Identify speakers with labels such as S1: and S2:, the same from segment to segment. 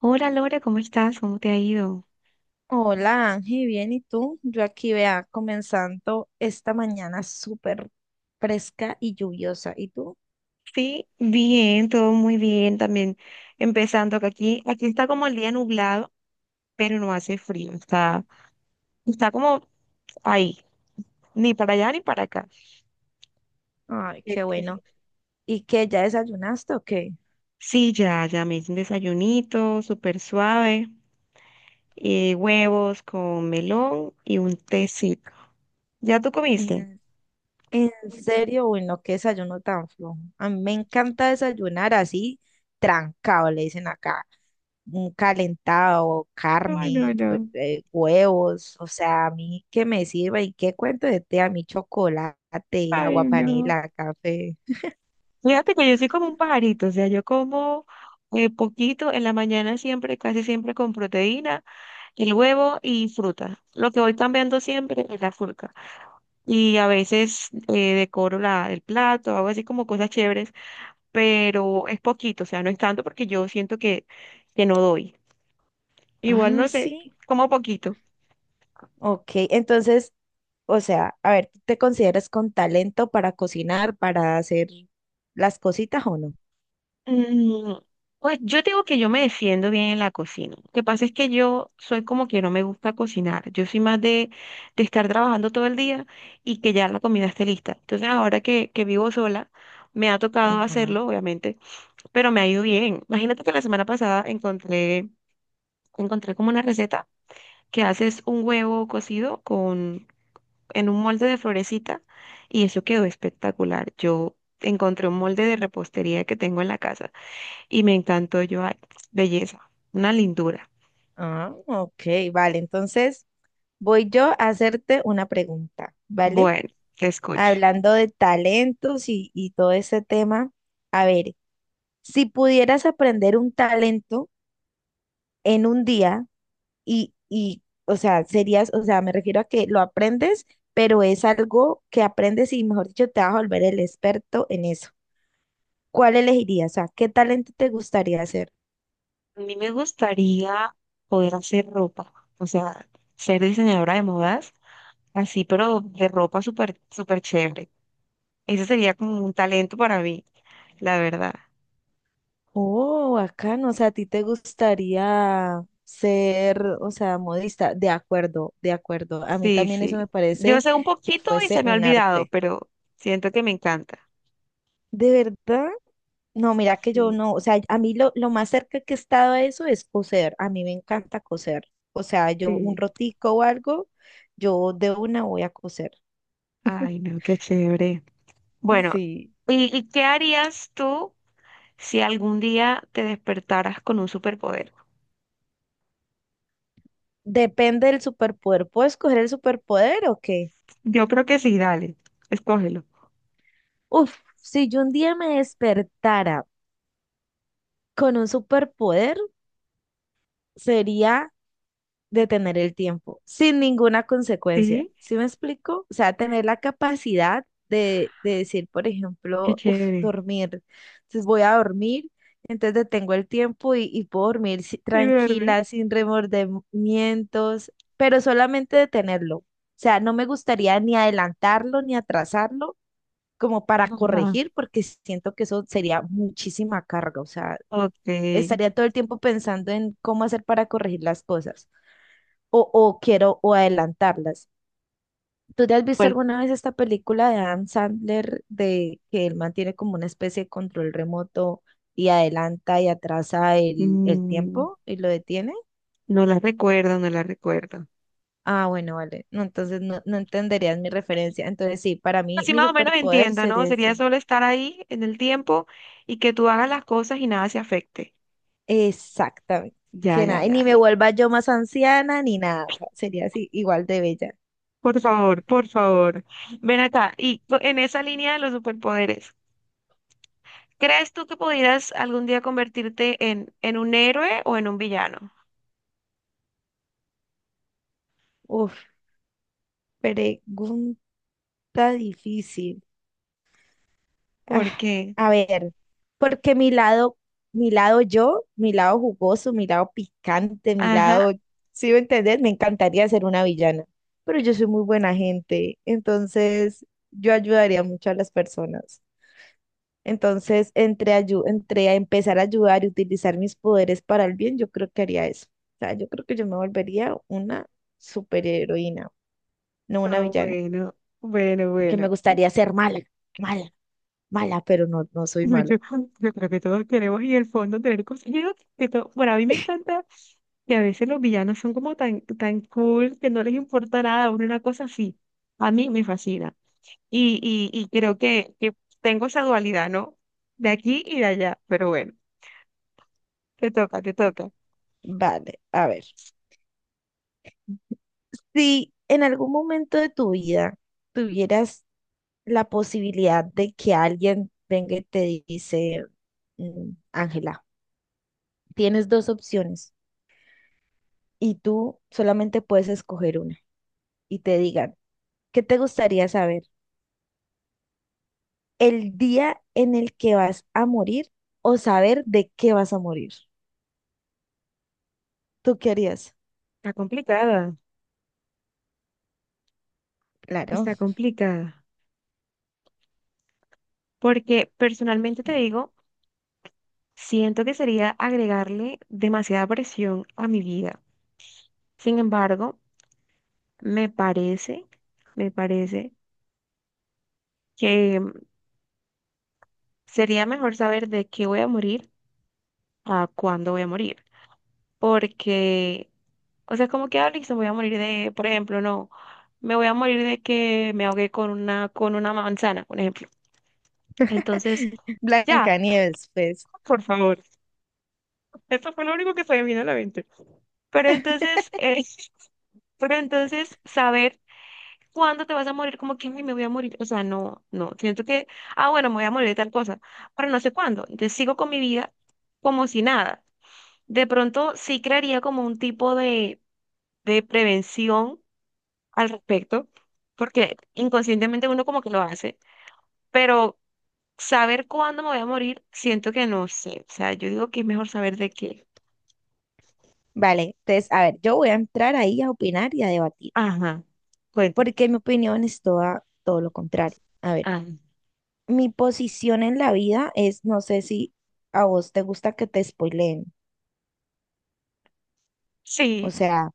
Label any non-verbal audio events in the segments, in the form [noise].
S1: Hola Lore, ¿cómo estás? ¿Cómo te ha ido?
S2: Hola Ángel, bien, ¿y tú? Yo aquí vea, comenzando esta mañana súper fresca y lluviosa. ¿Y tú?
S1: Sí, bien, todo muy bien también. Empezando que aquí está como el día nublado, pero no hace frío, está como ahí, ni para allá ni para acá.
S2: Ay,
S1: Eh,
S2: qué
S1: eh,
S2: bueno. ¿Y qué ya desayunaste o qué?
S1: Sí, ya me hice un desayunito súper suave, huevos con melón y un tecito. ¿Ya tú comiste?
S2: En, en serio, bueno, qué desayuno tan flojo. A mí me encanta desayunar así, trancado, le dicen acá. Un calentado,
S1: Ay, no,
S2: carne,
S1: no.
S2: huevos, o sea, a mí que me sirva y qué cuento de té, a mí chocolate,
S1: Ay,
S2: agua
S1: no.
S2: panela, café.
S1: Fíjate que yo soy como un pajarito, o sea, yo como poquito en la mañana siempre, casi siempre con proteína. El huevo y fruta. Lo que voy cambiando siempre es la fruta. Y a veces decoro el plato, hago así como cosas chéveres, pero es poquito, o sea, no es tanto porque yo siento que no doy. Igual
S2: Ah,
S1: no sé,
S2: sí.
S1: como poquito.
S2: Ok, entonces, o sea, a ver, ¿tú te consideras con talento para cocinar, para hacer las cositas o no?
S1: Mm. Pues yo digo que yo me defiendo bien en la cocina. Lo que pasa es que yo soy como que no me gusta cocinar. Yo soy más de estar trabajando todo el día y que ya la comida esté lista. Entonces ahora que vivo sola, me ha tocado
S2: Ajá.
S1: hacerlo, obviamente, pero me ha ido bien. Imagínate que la semana pasada encontré como una receta que haces un huevo cocido con, en un molde de florecita y eso quedó espectacular. Yo encontré un molde de repostería que tengo en la casa y me encantó. Yo, ay, belleza, una lindura.
S2: Ah, ok, vale. Entonces, voy yo a hacerte una pregunta, ¿vale?
S1: Bueno, te escucho.
S2: Hablando de talentos y todo ese tema, a ver, si pudieras aprender un talento en un día o sea, serías, o sea, me refiero a que lo aprendes, pero es algo que aprendes y, mejor dicho, te vas a volver el experto en eso. ¿Cuál elegirías? O sea, ¿qué talento te gustaría ser?
S1: A mí me gustaría poder hacer ropa, o sea, ser diseñadora de modas, así, pero de ropa súper, súper chévere. Ese sería como un talento para mí, la verdad.
S2: Oh, acá no, o sea, ¿a ti te gustaría ser, o sea, modista? De acuerdo, de acuerdo. A mí
S1: Sí,
S2: también eso me
S1: sí. Yo
S2: parece
S1: sé un
S2: que
S1: poquito y
S2: fuese
S1: se me ha
S2: un
S1: olvidado,
S2: arte.
S1: pero siento que me encanta.
S2: ¿De verdad? No, mira que yo
S1: Sí,
S2: no, o sea, a mí lo más cerca que he estado a eso es coser. A mí me encanta coser. O sea, yo un
S1: sí.
S2: rotico o algo, yo de una voy a coser. [laughs]
S1: Ay, no, qué chévere. Bueno,
S2: Sí.
S1: y qué harías tú si algún día te despertaras con un superpoder?
S2: Depende del superpoder. ¿Puedo escoger el superpoder o qué?
S1: Yo creo que sí, dale, escógelo.
S2: Uf, si yo un día me despertara con un superpoder, sería detener el tiempo, sin ninguna consecuencia.
S1: Sí,
S2: ¿Sí me explico? O sea, tener la capacidad de decir, por
S1: qué
S2: ejemplo, uf,
S1: chévere.
S2: dormir. Entonces voy a dormir, entonces detengo el tiempo y puedo dormir
S1: Y duermes.
S2: tranquila, sin remordimientos, pero solamente detenerlo. O sea, no me gustaría ni adelantarlo ni atrasarlo como para
S1: Ajá.
S2: corregir, porque siento que eso sería muchísima carga, o sea,
S1: Ok.
S2: estaría todo el tiempo pensando en cómo hacer para corregir las cosas o quiero o adelantarlas. ¿Tú te has visto
S1: Bueno,
S2: alguna vez esta película de Adam Sandler de que él mantiene como una especie de control remoto y adelanta y atrasa el
S1: mm,
S2: tiempo y lo detiene?
S1: no la recuerdo, no la recuerdo.
S2: Ah, bueno, vale. No, entonces no, no entenderías mi referencia. Entonces sí, para mí
S1: Así
S2: mi
S1: más o menos
S2: superpoder
S1: entiendo, ¿no?
S2: sería
S1: Sería
S2: ese.
S1: solo estar ahí en el tiempo y que tú hagas las cosas y nada se afecte.
S2: Exactamente.
S1: Ya,
S2: Que
S1: ya,
S2: nada, y
S1: ya,
S2: ni me
S1: ya.
S2: vuelva yo más anciana ni nada. O sea, sería así, igual de bella.
S1: Por favor, por favor. Ven acá. Y co- en esa línea de los superpoderes, ¿crees tú que pudieras algún día convertirte en un héroe o en un villano?
S2: Uf, pregunta difícil. Ah,
S1: ¿Por qué?
S2: a ver, porque mi lado yo, mi lado jugoso, mi lado picante, mi
S1: Ajá.
S2: lado, si me entendés, me encantaría ser una villana. Pero yo soy muy buena gente, entonces yo ayudaría mucho a las personas. Entonces, entre a empezar a ayudar y utilizar mis poderes para el bien, yo creo que haría eso. O sea, yo creo que yo me volvería una superheroína, no una
S1: Ah,
S2: villana,
S1: bueno, bueno,
S2: que
S1: bueno.
S2: me gustaría ser mala, mala, mala, pero no, no soy
S1: Yo,
S2: mala.
S1: yo- yo creo que todos queremos en el fondo tener consejeros. Que todo, bueno, a mí me encanta que a veces los villanos son como tan, tan cool que no les importa nada, uno una cosa así. A mí me fascina. Y creo que tengo esa dualidad, ¿no? De aquí y de allá. Pero bueno, te toca, te toca.
S2: Vale, a ver. Si en algún momento de tu vida tuvieras la posibilidad de que alguien venga y te dice, Ángela, tienes dos opciones y tú solamente puedes escoger una y te digan, ¿qué te gustaría saber? ¿El día en el que vas a morir o saber de qué vas a morir? ¿Tú qué harías?
S1: Está complicada,
S2: Claro.
S1: está complicada. Porque personalmente te digo, siento que sería agregarle demasiada presión a mi vida. Sin embargo, me parece... Me parece que sería mejor saber de qué voy a morir a cuándo voy a morir. Porque, o sea, como que, ah, listo, voy a morir de, por ejemplo, no, me voy a morir de que me ahogué con una manzana, por ejemplo. Entonces,
S2: [laughs]
S1: ya,
S2: Blancanieves, pues.
S1: por favor. Esto fue lo único que se me vino a la mente. Pero entonces, [laughs] pero entonces, saber cuándo te vas a morir, como que "Ay, me voy a morir. O sea, no, no. Siento que, ah, bueno, me voy a morir de tal cosa, pero no sé cuándo. Entonces sigo con mi vida como si nada. De pronto sí crearía como un tipo de prevención al respecto, porque inconscientemente uno como que lo hace, pero saber cuándo me voy a morir, siento que no sé. O sea, yo digo que es mejor saber de qué.
S2: Vale, entonces, a ver, yo voy a entrar ahí a opinar y a debatir,
S1: Ajá, cuéntame.
S2: porque mi opinión es toda, todo lo contrario. A ver,
S1: Ah,
S2: mi posición en la vida es, no sé si a vos te gusta que te spoileen, o
S1: sí,
S2: sea...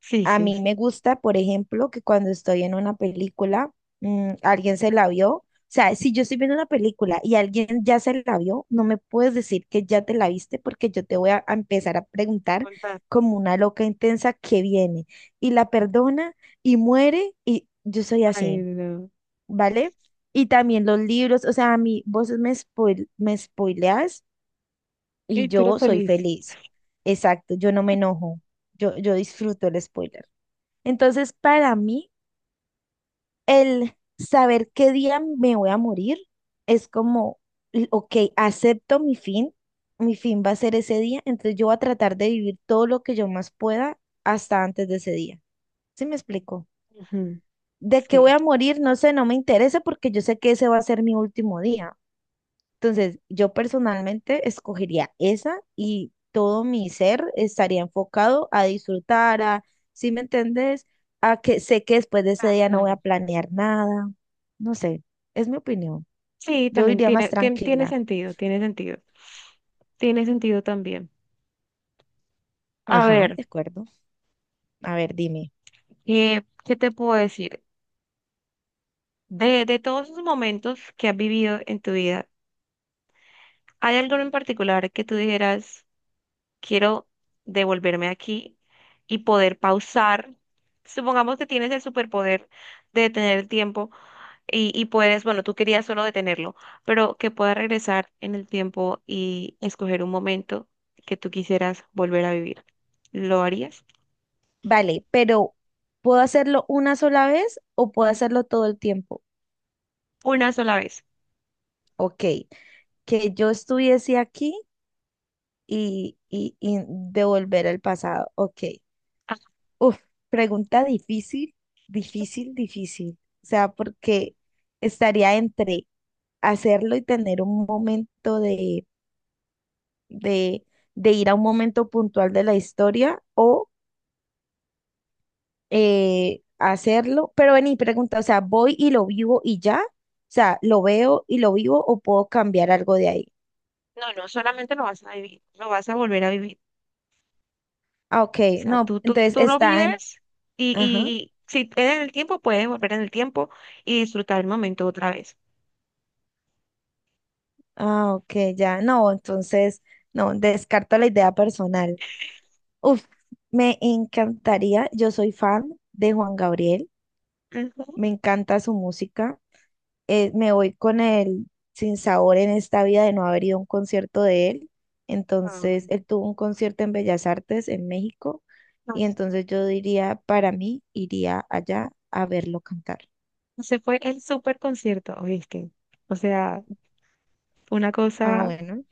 S1: sí,
S2: A
S1: sí,
S2: mí
S1: sí.
S2: me gusta, por ejemplo, que cuando estoy en una película, alguien se la vio. O sea, si yo estoy viendo una película y alguien ya se la vio, no me puedes decir que ya te la viste porque yo te voy a empezar a preguntar
S1: Contar.
S2: como una loca intensa que viene y la perdona y muere y yo soy
S1: Ay,
S2: así,
S1: no.
S2: ¿vale? Y también los libros, o sea, a mí vos me, spoil, me spoileas y
S1: Y tú eres
S2: yo soy
S1: feliz.
S2: feliz. Exacto, yo no me enojo, yo disfruto el spoiler. Entonces, para mí, el saber qué día me voy a morir es como, ok, acepto mi fin va a ser ese día, entonces yo voy a tratar de vivir todo lo que yo más pueda hasta antes de ese día. ¿Sí me explico?
S1: Ujú.
S2: De qué voy
S1: Sí,
S2: a morir, no sé, no me interesa porque yo sé que ese va a ser mi último día. Entonces, yo personalmente escogería esa y todo mi ser estaría enfocado a disfrutar, a, ¿si me entendés? A que sé que después de ese
S1: claro,
S2: día no voy
S1: claro.
S2: a planear nada. No sé, es mi opinión.
S1: Sí,
S2: Yo
S1: también
S2: iría más
S1: tiene
S2: tranquila.
S1: sentido, tiene sentido. Tiene sentido también. A
S2: Ajá,
S1: ver,
S2: de acuerdo. A ver, dime.
S1: ¿qué, qué te puedo decir? De todos esos momentos que has vivido en tu vida, ¿hay algo en particular que tú dijeras, quiero devolverme aquí y poder pausar? Supongamos que tienes el superpoder de detener el tiempo y puedes, bueno, tú querías solo detenerlo, pero que puedas regresar en el tiempo y escoger un momento que tú quisieras volver a vivir. ¿Lo harías?
S2: Vale, pero ¿puedo hacerlo una sola vez o puedo hacerlo todo el tiempo?
S1: Una sola vez.
S2: Ok, que yo estuviese aquí y devolver el pasado. Ok.
S1: Ah,
S2: Uf, pregunta difícil, difícil, difícil. O sea, porque estaría entre hacerlo y tener un momento de, de ir a un momento puntual de la historia o hacerlo. Pero vení, pregunta, o sea, ¿voy y lo vivo y ya? O sea, ¿lo veo y lo vivo o puedo cambiar algo de ahí?
S1: no, no, solamente lo vas a vivir, lo vas a volver a vivir.
S2: Ah, ok,
S1: O sea,
S2: no, entonces
S1: tú lo
S2: está en...
S1: vives
S2: Ajá,
S1: y si eres en el tiempo, puedes volver en el tiempo y disfrutar el momento otra vez.
S2: ah, ok, ya, no, entonces, no, descarto la idea personal. Uf, me encantaría. Yo soy fan de Juan Gabriel.
S1: Ujú.
S2: Me encanta su música. Me voy con el sinsabor en esta vida de no haber ido a un concierto de él. Entonces,
S1: Ay,
S2: él tuvo un concierto en Bellas Artes en México.
S1: no,
S2: Y entonces yo diría, para mí, iría allá a verlo cantar.
S1: se fue el super concierto, ¿viste? O sea, una
S2: Ah,
S1: cosa
S2: bueno.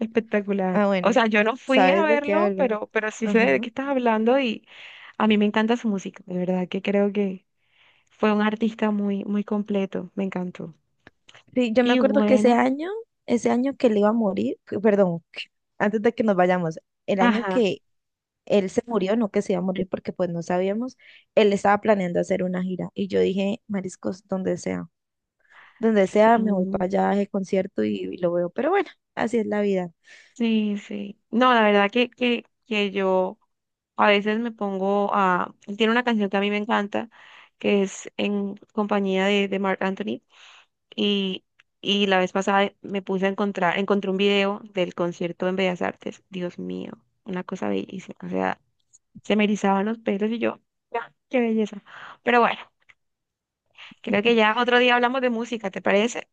S1: espectacular.
S2: Ah,
S1: O
S2: bueno.
S1: sea, yo no fui a
S2: ¿Sabes de qué
S1: verlo,
S2: hablo?
S1: pero sí sé de
S2: Ajá.
S1: qué estás hablando y a mí me encanta su música, de verdad que creo que fue un artista muy, muy completo, me encantó.
S2: Sí, yo me
S1: Y
S2: acuerdo que
S1: bueno,
S2: ese año que él iba a morir, que- perdón, que- antes de que nos vayamos, el año
S1: ajá,
S2: que él se murió, no que se iba a morir porque pues no sabíamos, él estaba planeando hacer una gira y yo dije, mariscos, donde sea, me voy para
S1: sí.
S2: allá a concierto y lo veo, pero bueno, así es la vida.
S1: Sí, sí. No, la verdad que yo a veces me pongo a... Él tiene una canción que a mí me encanta, que es en compañía de Marc Anthony. Y, y la vez pasada me puse a encontré un video del concierto en Bellas Artes. Dios mío, una cosa bellísima. O sea, se me erizaban los pelos y yo, ya, qué belleza. Pero bueno, creo que ya
S2: [laughs]
S1: otro día hablamos de música, ¿te parece?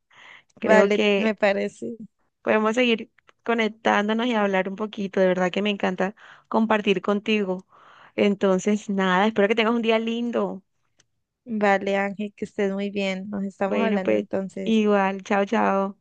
S1: Creo
S2: Vale,
S1: que...
S2: me parece.
S1: Podemos seguir conectándonos y hablar un poquito. De verdad que me encanta compartir contigo. Entonces, nada, espero que tengas un día lindo.
S2: Vale, Ángel, que estés muy bien. Nos estamos
S1: Bueno,
S2: hablando
S1: pues
S2: entonces.
S1: igual, chao, chao.